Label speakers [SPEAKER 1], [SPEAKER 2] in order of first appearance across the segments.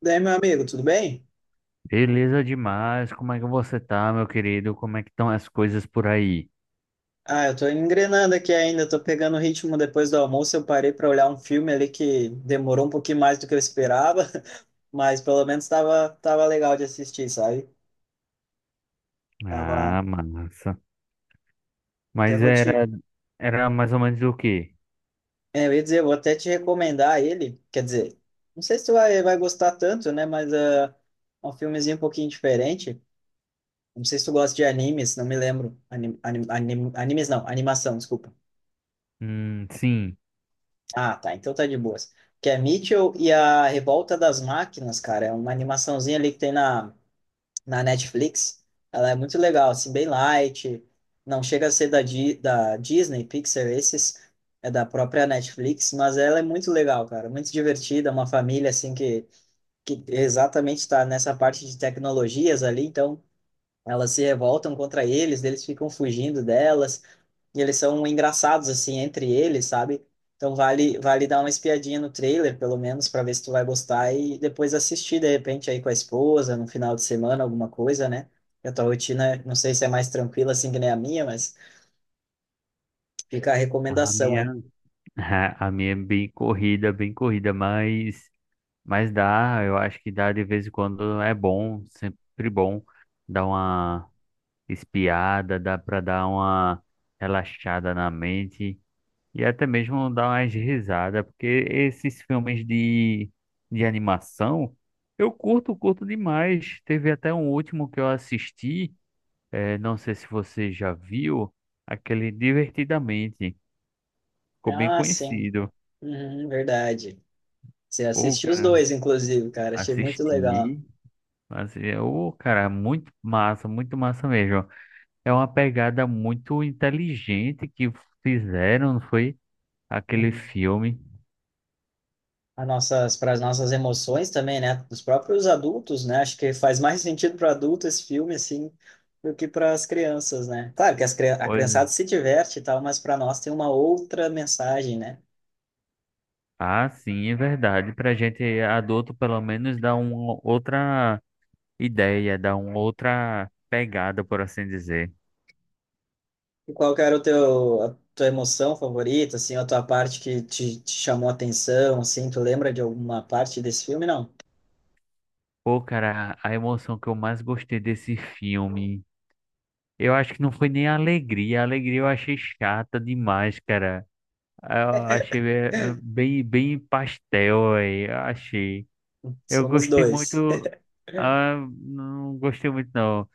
[SPEAKER 1] Daí, meu amigo, tudo bem?
[SPEAKER 2] Beleza demais, como é que você tá, meu querido? Como é que estão as coisas por aí?
[SPEAKER 1] Ah, eu tô engrenando aqui ainda, tô pegando o ritmo depois do almoço. Eu parei para olhar um filme ali que demorou um pouquinho mais do que eu esperava, mas pelo menos tava legal de assistir, sabe? Tava.
[SPEAKER 2] Ah, massa.
[SPEAKER 1] Até
[SPEAKER 2] Mas
[SPEAKER 1] vou te.
[SPEAKER 2] era, era mais ou menos o quê?
[SPEAKER 1] É, eu ia dizer, eu vou até te recomendar ele. Quer dizer, não sei se tu vai gostar tanto, né? Mas é um filmezinho um pouquinho diferente. Não sei se tu gosta de animes, não me lembro. Animes não, animação, desculpa.
[SPEAKER 2] Sim,
[SPEAKER 1] Ah, tá. Então tá de boas. Que é Mitchell e a Revolta das Máquinas, cara. É uma animaçãozinha ali que tem na Netflix. Ela é muito legal, assim, bem light. Não chega a ser da Disney, Pixar, esses. É da própria Netflix, mas ela é muito legal, cara. Muito divertida, uma família, assim, que exatamente está nessa parte de tecnologias ali. Então, elas se revoltam contra eles, eles ficam fugindo delas. E eles são engraçados, assim, entre eles, sabe? Então vale dar uma espiadinha no trailer, pelo menos, para ver se tu vai gostar e depois assistir, de repente, aí com a esposa, no final de semana, alguma coisa, né? E a tua rotina, não sei se é mais tranquila assim que nem a minha, mas fica a
[SPEAKER 2] a
[SPEAKER 1] recomendação aí.
[SPEAKER 2] minha, a minha é bem corrida, mas dá, eu acho que dá de vez em quando é bom, sempre bom dar uma espiada, dá pra dar uma relaxada na mente. E até mesmo dar umas risadas, porque esses filmes de animação, eu curto, curto demais. Teve até um último que eu assisti, não sei se você já viu, aquele Divertidamente, ficou bem
[SPEAKER 1] Ah, sim.
[SPEAKER 2] conhecido.
[SPEAKER 1] Uhum, verdade. Você
[SPEAKER 2] Pô,
[SPEAKER 1] assistiu os
[SPEAKER 2] cara,
[SPEAKER 1] dois, inclusive, cara. Achei muito legal.
[SPEAKER 2] assisti, mas o cara, muito massa mesmo. É uma pegada muito inteligente que fizeram, não foi? Aquele
[SPEAKER 1] Uhum.
[SPEAKER 2] filme.
[SPEAKER 1] Para as nossas emoções também, né? Dos próprios adultos, né? Acho que faz mais sentido para adulto esse filme, assim, do que para as crianças, né? Claro que a
[SPEAKER 2] Pois
[SPEAKER 1] criançada
[SPEAKER 2] é.
[SPEAKER 1] se diverte e tal, mas para nós tem uma outra mensagem, né?
[SPEAKER 2] Ah, sim, é verdade. Para a gente adulto, pelo menos, dá uma outra ideia, dá uma outra pegada, por assim dizer.
[SPEAKER 1] E qual que era o a tua emoção favorita, assim, a tua parte que te chamou a atenção, assim? Tu lembra de alguma parte desse filme? Não.
[SPEAKER 2] Pô, cara, a emoção que eu mais gostei desse filme, eu acho que não foi nem a alegria. A alegria eu achei chata demais, cara. Eu achei bem, bem pastel aí, eu achei. Eu
[SPEAKER 1] Somos
[SPEAKER 2] gostei
[SPEAKER 1] dois.
[SPEAKER 2] muito. Ah, não gostei muito, não.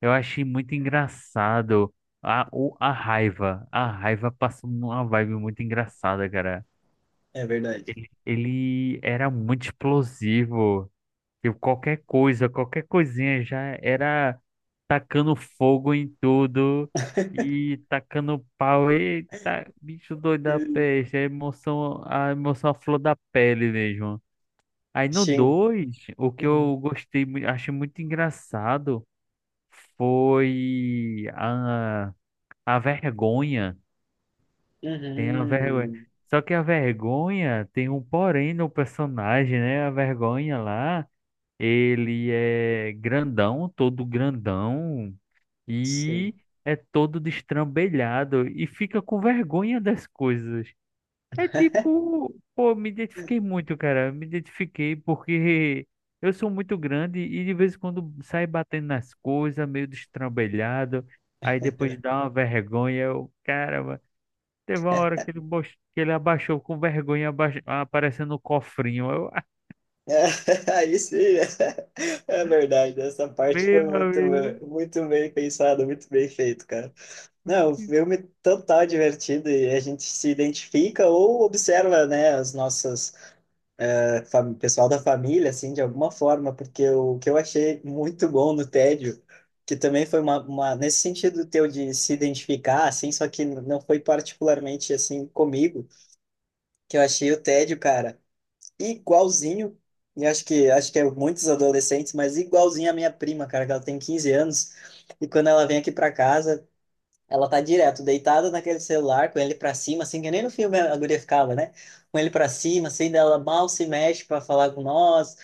[SPEAKER 2] Eu achei muito engraçado a, o, a raiva. A raiva passou uma vibe muito engraçada, cara.
[SPEAKER 1] É verdade.
[SPEAKER 2] Ele era muito explosivo. Tipo, qualquer coisa, qualquer coisinha já era tacando fogo em tudo e tacando pau. Eita, bicho doido da peste. A emoção à flor da pele mesmo. Aí no
[SPEAKER 1] Sim.
[SPEAKER 2] 2 o que
[SPEAKER 1] Uhum.
[SPEAKER 2] eu gostei, achei muito engraçado foi a vergonha. Tem a vergonha.
[SPEAKER 1] Uhum.
[SPEAKER 2] Só que a vergonha tem um porém no personagem, né? A vergonha lá, ele é grandão, todo grandão,
[SPEAKER 1] Sim.
[SPEAKER 2] e é todo destrambelhado e fica com vergonha das coisas. É tipo, pô, me identifiquei muito, cara. Me identifiquei porque eu sou muito grande e de vez em quando sai batendo nas coisas, meio destrambelhado. Aí depois dá uma vergonha, eu, cara, teve uma hora que que ele abaixou com vergonha, aparecendo o cofrinho. Eu, ah,
[SPEAKER 1] É, aí sim, é verdade. Essa parte
[SPEAKER 2] meu
[SPEAKER 1] foi
[SPEAKER 2] amigo.
[SPEAKER 1] muito bem pensada, muito bem feito, cara. Não, o filme é total divertido e a gente se identifica ou observa, né, as nossas pessoal da família, assim, de alguma forma, porque o que eu achei muito bom no Tédio, que também foi uma nesse sentido teu de se identificar, assim, só que não foi particularmente assim comigo, que eu achei o Tédio, cara igualzinho, e acho que é muitos adolescentes, mas igualzinho a minha prima, cara, que ela tem 15 anos, e quando ela vem aqui pra casa, ela tá direto deitada naquele celular, com ele pra cima, assim, que nem no filme a guria ficava, né? Com ele pra cima, assim, dela mal se mexe pra falar com nós.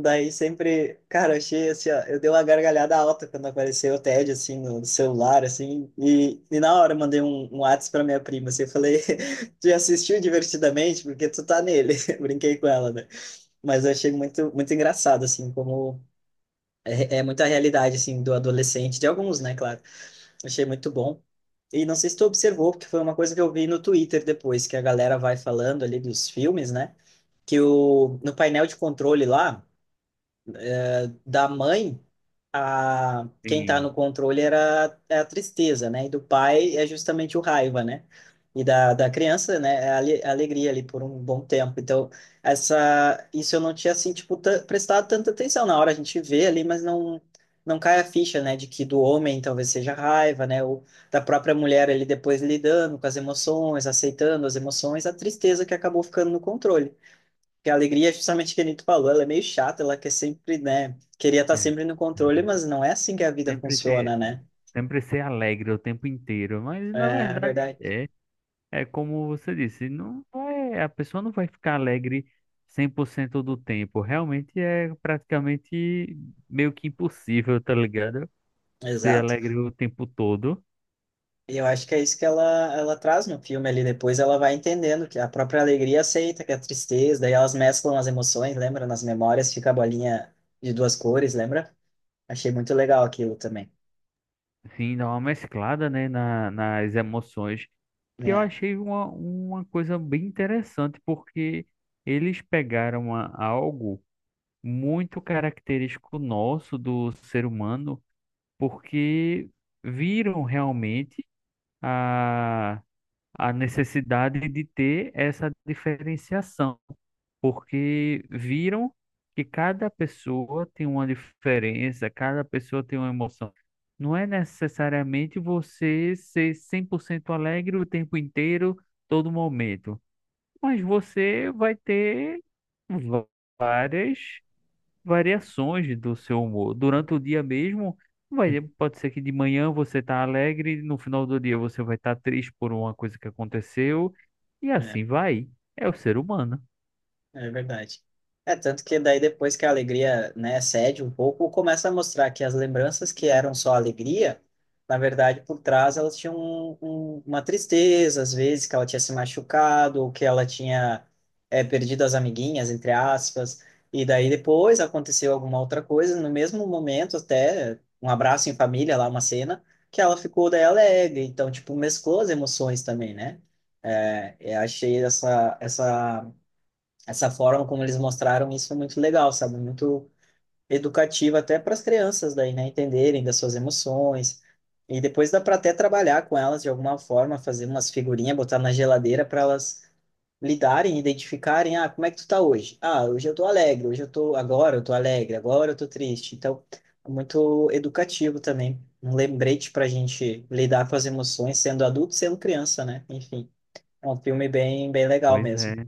[SPEAKER 1] Daí sempre, cara, eu achei assim, ó, eu dei uma gargalhada alta quando apareceu o TED, assim, no celular, assim, e na hora eu mandei um WhatsApp pra minha prima, assim, eu falei, já assistiu divertidamente, porque tu tá nele, brinquei com ela, né? Mas eu achei muito engraçado, assim, como é muita realidade, assim, do adolescente, de alguns, né, claro. Achei muito bom. E não sei se tu observou, porque foi uma coisa que eu vi no Twitter depois, que a galera vai falando ali dos filmes, né? Que o, no painel de controle lá, da mãe, a quem tá
[SPEAKER 2] Sim,
[SPEAKER 1] no controle era é a tristeza, né? E do pai é justamente o raiva, né? E da criança, né? É a a alegria ali por um bom tempo. Então, essa isso eu não tinha assim tipo prestado tanta atenção na hora a gente vê ali, mas não cai a ficha, né, de que do homem talvez seja raiva, né, ou da própria mulher ali depois lidando com as emoções, aceitando as emoções, a tristeza que acabou ficando no controle. Porque a alegria é justamente o que a gente falou, ela é meio chata, ela quer sempre, né? Queria estar
[SPEAKER 2] é,
[SPEAKER 1] sempre no controle,
[SPEAKER 2] é,
[SPEAKER 1] mas não é assim que a vida
[SPEAKER 2] sempre ter,
[SPEAKER 1] funciona, né?
[SPEAKER 2] sempre ser alegre o tempo inteiro. Mas na
[SPEAKER 1] É
[SPEAKER 2] verdade,
[SPEAKER 1] verdade.
[SPEAKER 2] é como você disse, não vai, a pessoa não vai ficar alegre 100% do tempo. Realmente é praticamente meio que impossível, tá ligado? Ser
[SPEAKER 1] Exato.
[SPEAKER 2] alegre o tempo todo.
[SPEAKER 1] E eu acho que é isso que ela traz no filme ali. Depois ela vai entendendo que a própria alegria aceita, que é a tristeza, daí elas mesclam as emoções, lembra? Nas memórias fica a bolinha de duas cores, lembra? Achei muito legal aquilo também.
[SPEAKER 2] Sim, dá uma mesclada, né, na, nas emoções, que eu
[SPEAKER 1] É.
[SPEAKER 2] achei uma coisa bem interessante, porque eles pegaram algo muito característico nosso do ser humano, porque viram realmente a necessidade de ter essa diferenciação, porque viram que cada pessoa tem uma diferença, cada pessoa tem uma emoção. Não é necessariamente você ser 100% alegre o tempo inteiro, todo momento, mas você vai ter va- várias variações do seu humor. Durante o dia mesmo, vai, pode ser que de manhã você tá alegre, no final do dia você vai estar triste por uma coisa que aconteceu, e
[SPEAKER 1] É.
[SPEAKER 2] assim vai. É o ser humano.
[SPEAKER 1] É verdade. É tanto que daí depois que a alegria, né, cede um pouco, começa a mostrar que as lembranças que eram só alegria, na verdade, por trás elas tinham uma tristeza, às vezes que ela tinha se machucado, ou que ela tinha perdido as amiguinhas, entre aspas, e daí depois aconteceu alguma outra coisa, no mesmo momento até um abraço em família, lá uma cena, que ela ficou daí alegre, então, tipo, mesclou as emoções também, né? É, eu achei essa forma como eles mostraram isso é muito legal, sabe? Muito educativa até para as crianças daí, né? Entenderem das suas emoções. E depois dá para até trabalhar com elas de alguma forma, fazer umas figurinhas, botar na geladeira para elas lidarem, identificarem, ah, como é que tu tá hoje? Ah, hoje eu tô alegre, agora eu tô alegre, agora eu tô triste. Então, é muito educativo também, um lembrete para a gente lidar com as emoções, sendo adulto, sendo criança, né? Enfim, é um filme bem legal
[SPEAKER 2] Pois
[SPEAKER 1] mesmo.
[SPEAKER 2] é,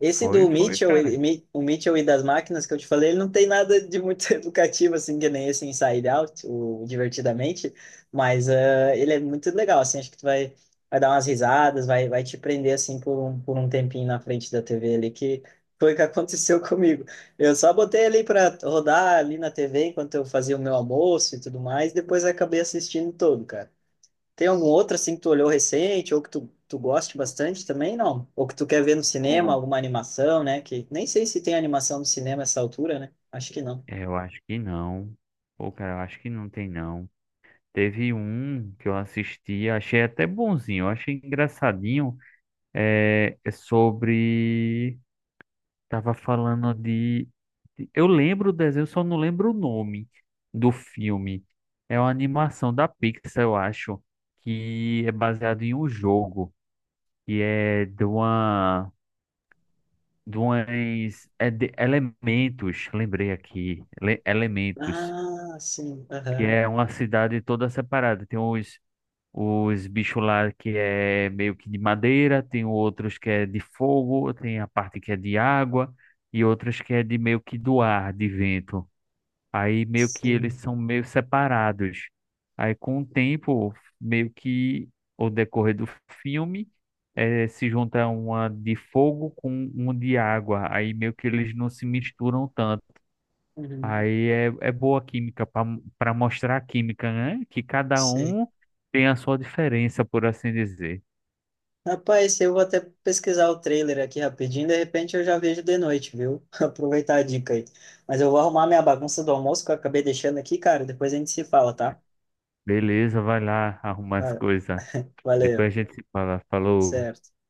[SPEAKER 1] Esse
[SPEAKER 2] foi,
[SPEAKER 1] do
[SPEAKER 2] foi,
[SPEAKER 1] Mitchell,
[SPEAKER 2] cara.
[SPEAKER 1] o Mitchell e das máquinas que eu te falei, ele não tem nada de muito educativo, assim, que nem esse Inside Out, o Divertidamente, mas ele é muito legal, assim, acho que vai dar umas risadas, vai te prender, assim, por por um tempinho na frente da TV ali, que foi o que aconteceu comigo. Eu só botei ali para rodar ali na TV enquanto eu fazia o meu almoço e tudo mais, depois acabei assistindo todo, cara. Tem algum outro assim que tu olhou recente ou que tu goste bastante também, não? Ou que tu quer ver no cinema,
[SPEAKER 2] Pô,
[SPEAKER 1] alguma animação, né? Que nem sei se tem animação no cinema essa altura, né? Acho que não.
[SPEAKER 2] é, eu acho que não. Pô, cara, eu acho que não tem não. Teve um que eu assisti, achei até bonzinho, eu achei engraçadinho, é é sobre tava falando de. Eu lembro o desenho, só não lembro o nome do filme. É uma animação da Pixar, eu acho, que é baseado em um jogo, que é de uma. De umas, é de elementos, lembrei aqui, elementos,
[SPEAKER 1] Ah, sim.
[SPEAKER 2] que
[SPEAKER 1] Aham.
[SPEAKER 2] é uma cidade toda separada. Tem uns, os bichos lá que é meio que de madeira, tem outros que é de fogo, tem a parte que é de água e outros que é de meio que do ar, de vento. Aí meio que eles
[SPEAKER 1] Sim.
[SPEAKER 2] são meio separados. Aí com o tempo, meio que ao decorrer do filme, se junta uma de fogo com um de água. Aí meio que eles não se misturam tanto.
[SPEAKER 1] Uhum.
[SPEAKER 2] Aí é, é boa a química para mostrar a química, né? Que cada
[SPEAKER 1] Sei.
[SPEAKER 2] um tem a sua diferença, por assim dizer.
[SPEAKER 1] Rapaz, eu vou até pesquisar o trailer aqui rapidinho, de repente eu já vejo de noite, viu? Aproveitar a dica aí. Mas eu vou arrumar minha bagunça do almoço que eu acabei deixando aqui, cara. Depois a gente se fala, tá?
[SPEAKER 2] Beleza, vai lá arrumar as
[SPEAKER 1] Va-
[SPEAKER 2] coisas.
[SPEAKER 1] Valeu.
[SPEAKER 2] Depois a gente se fala. Falou.
[SPEAKER 1] Certo.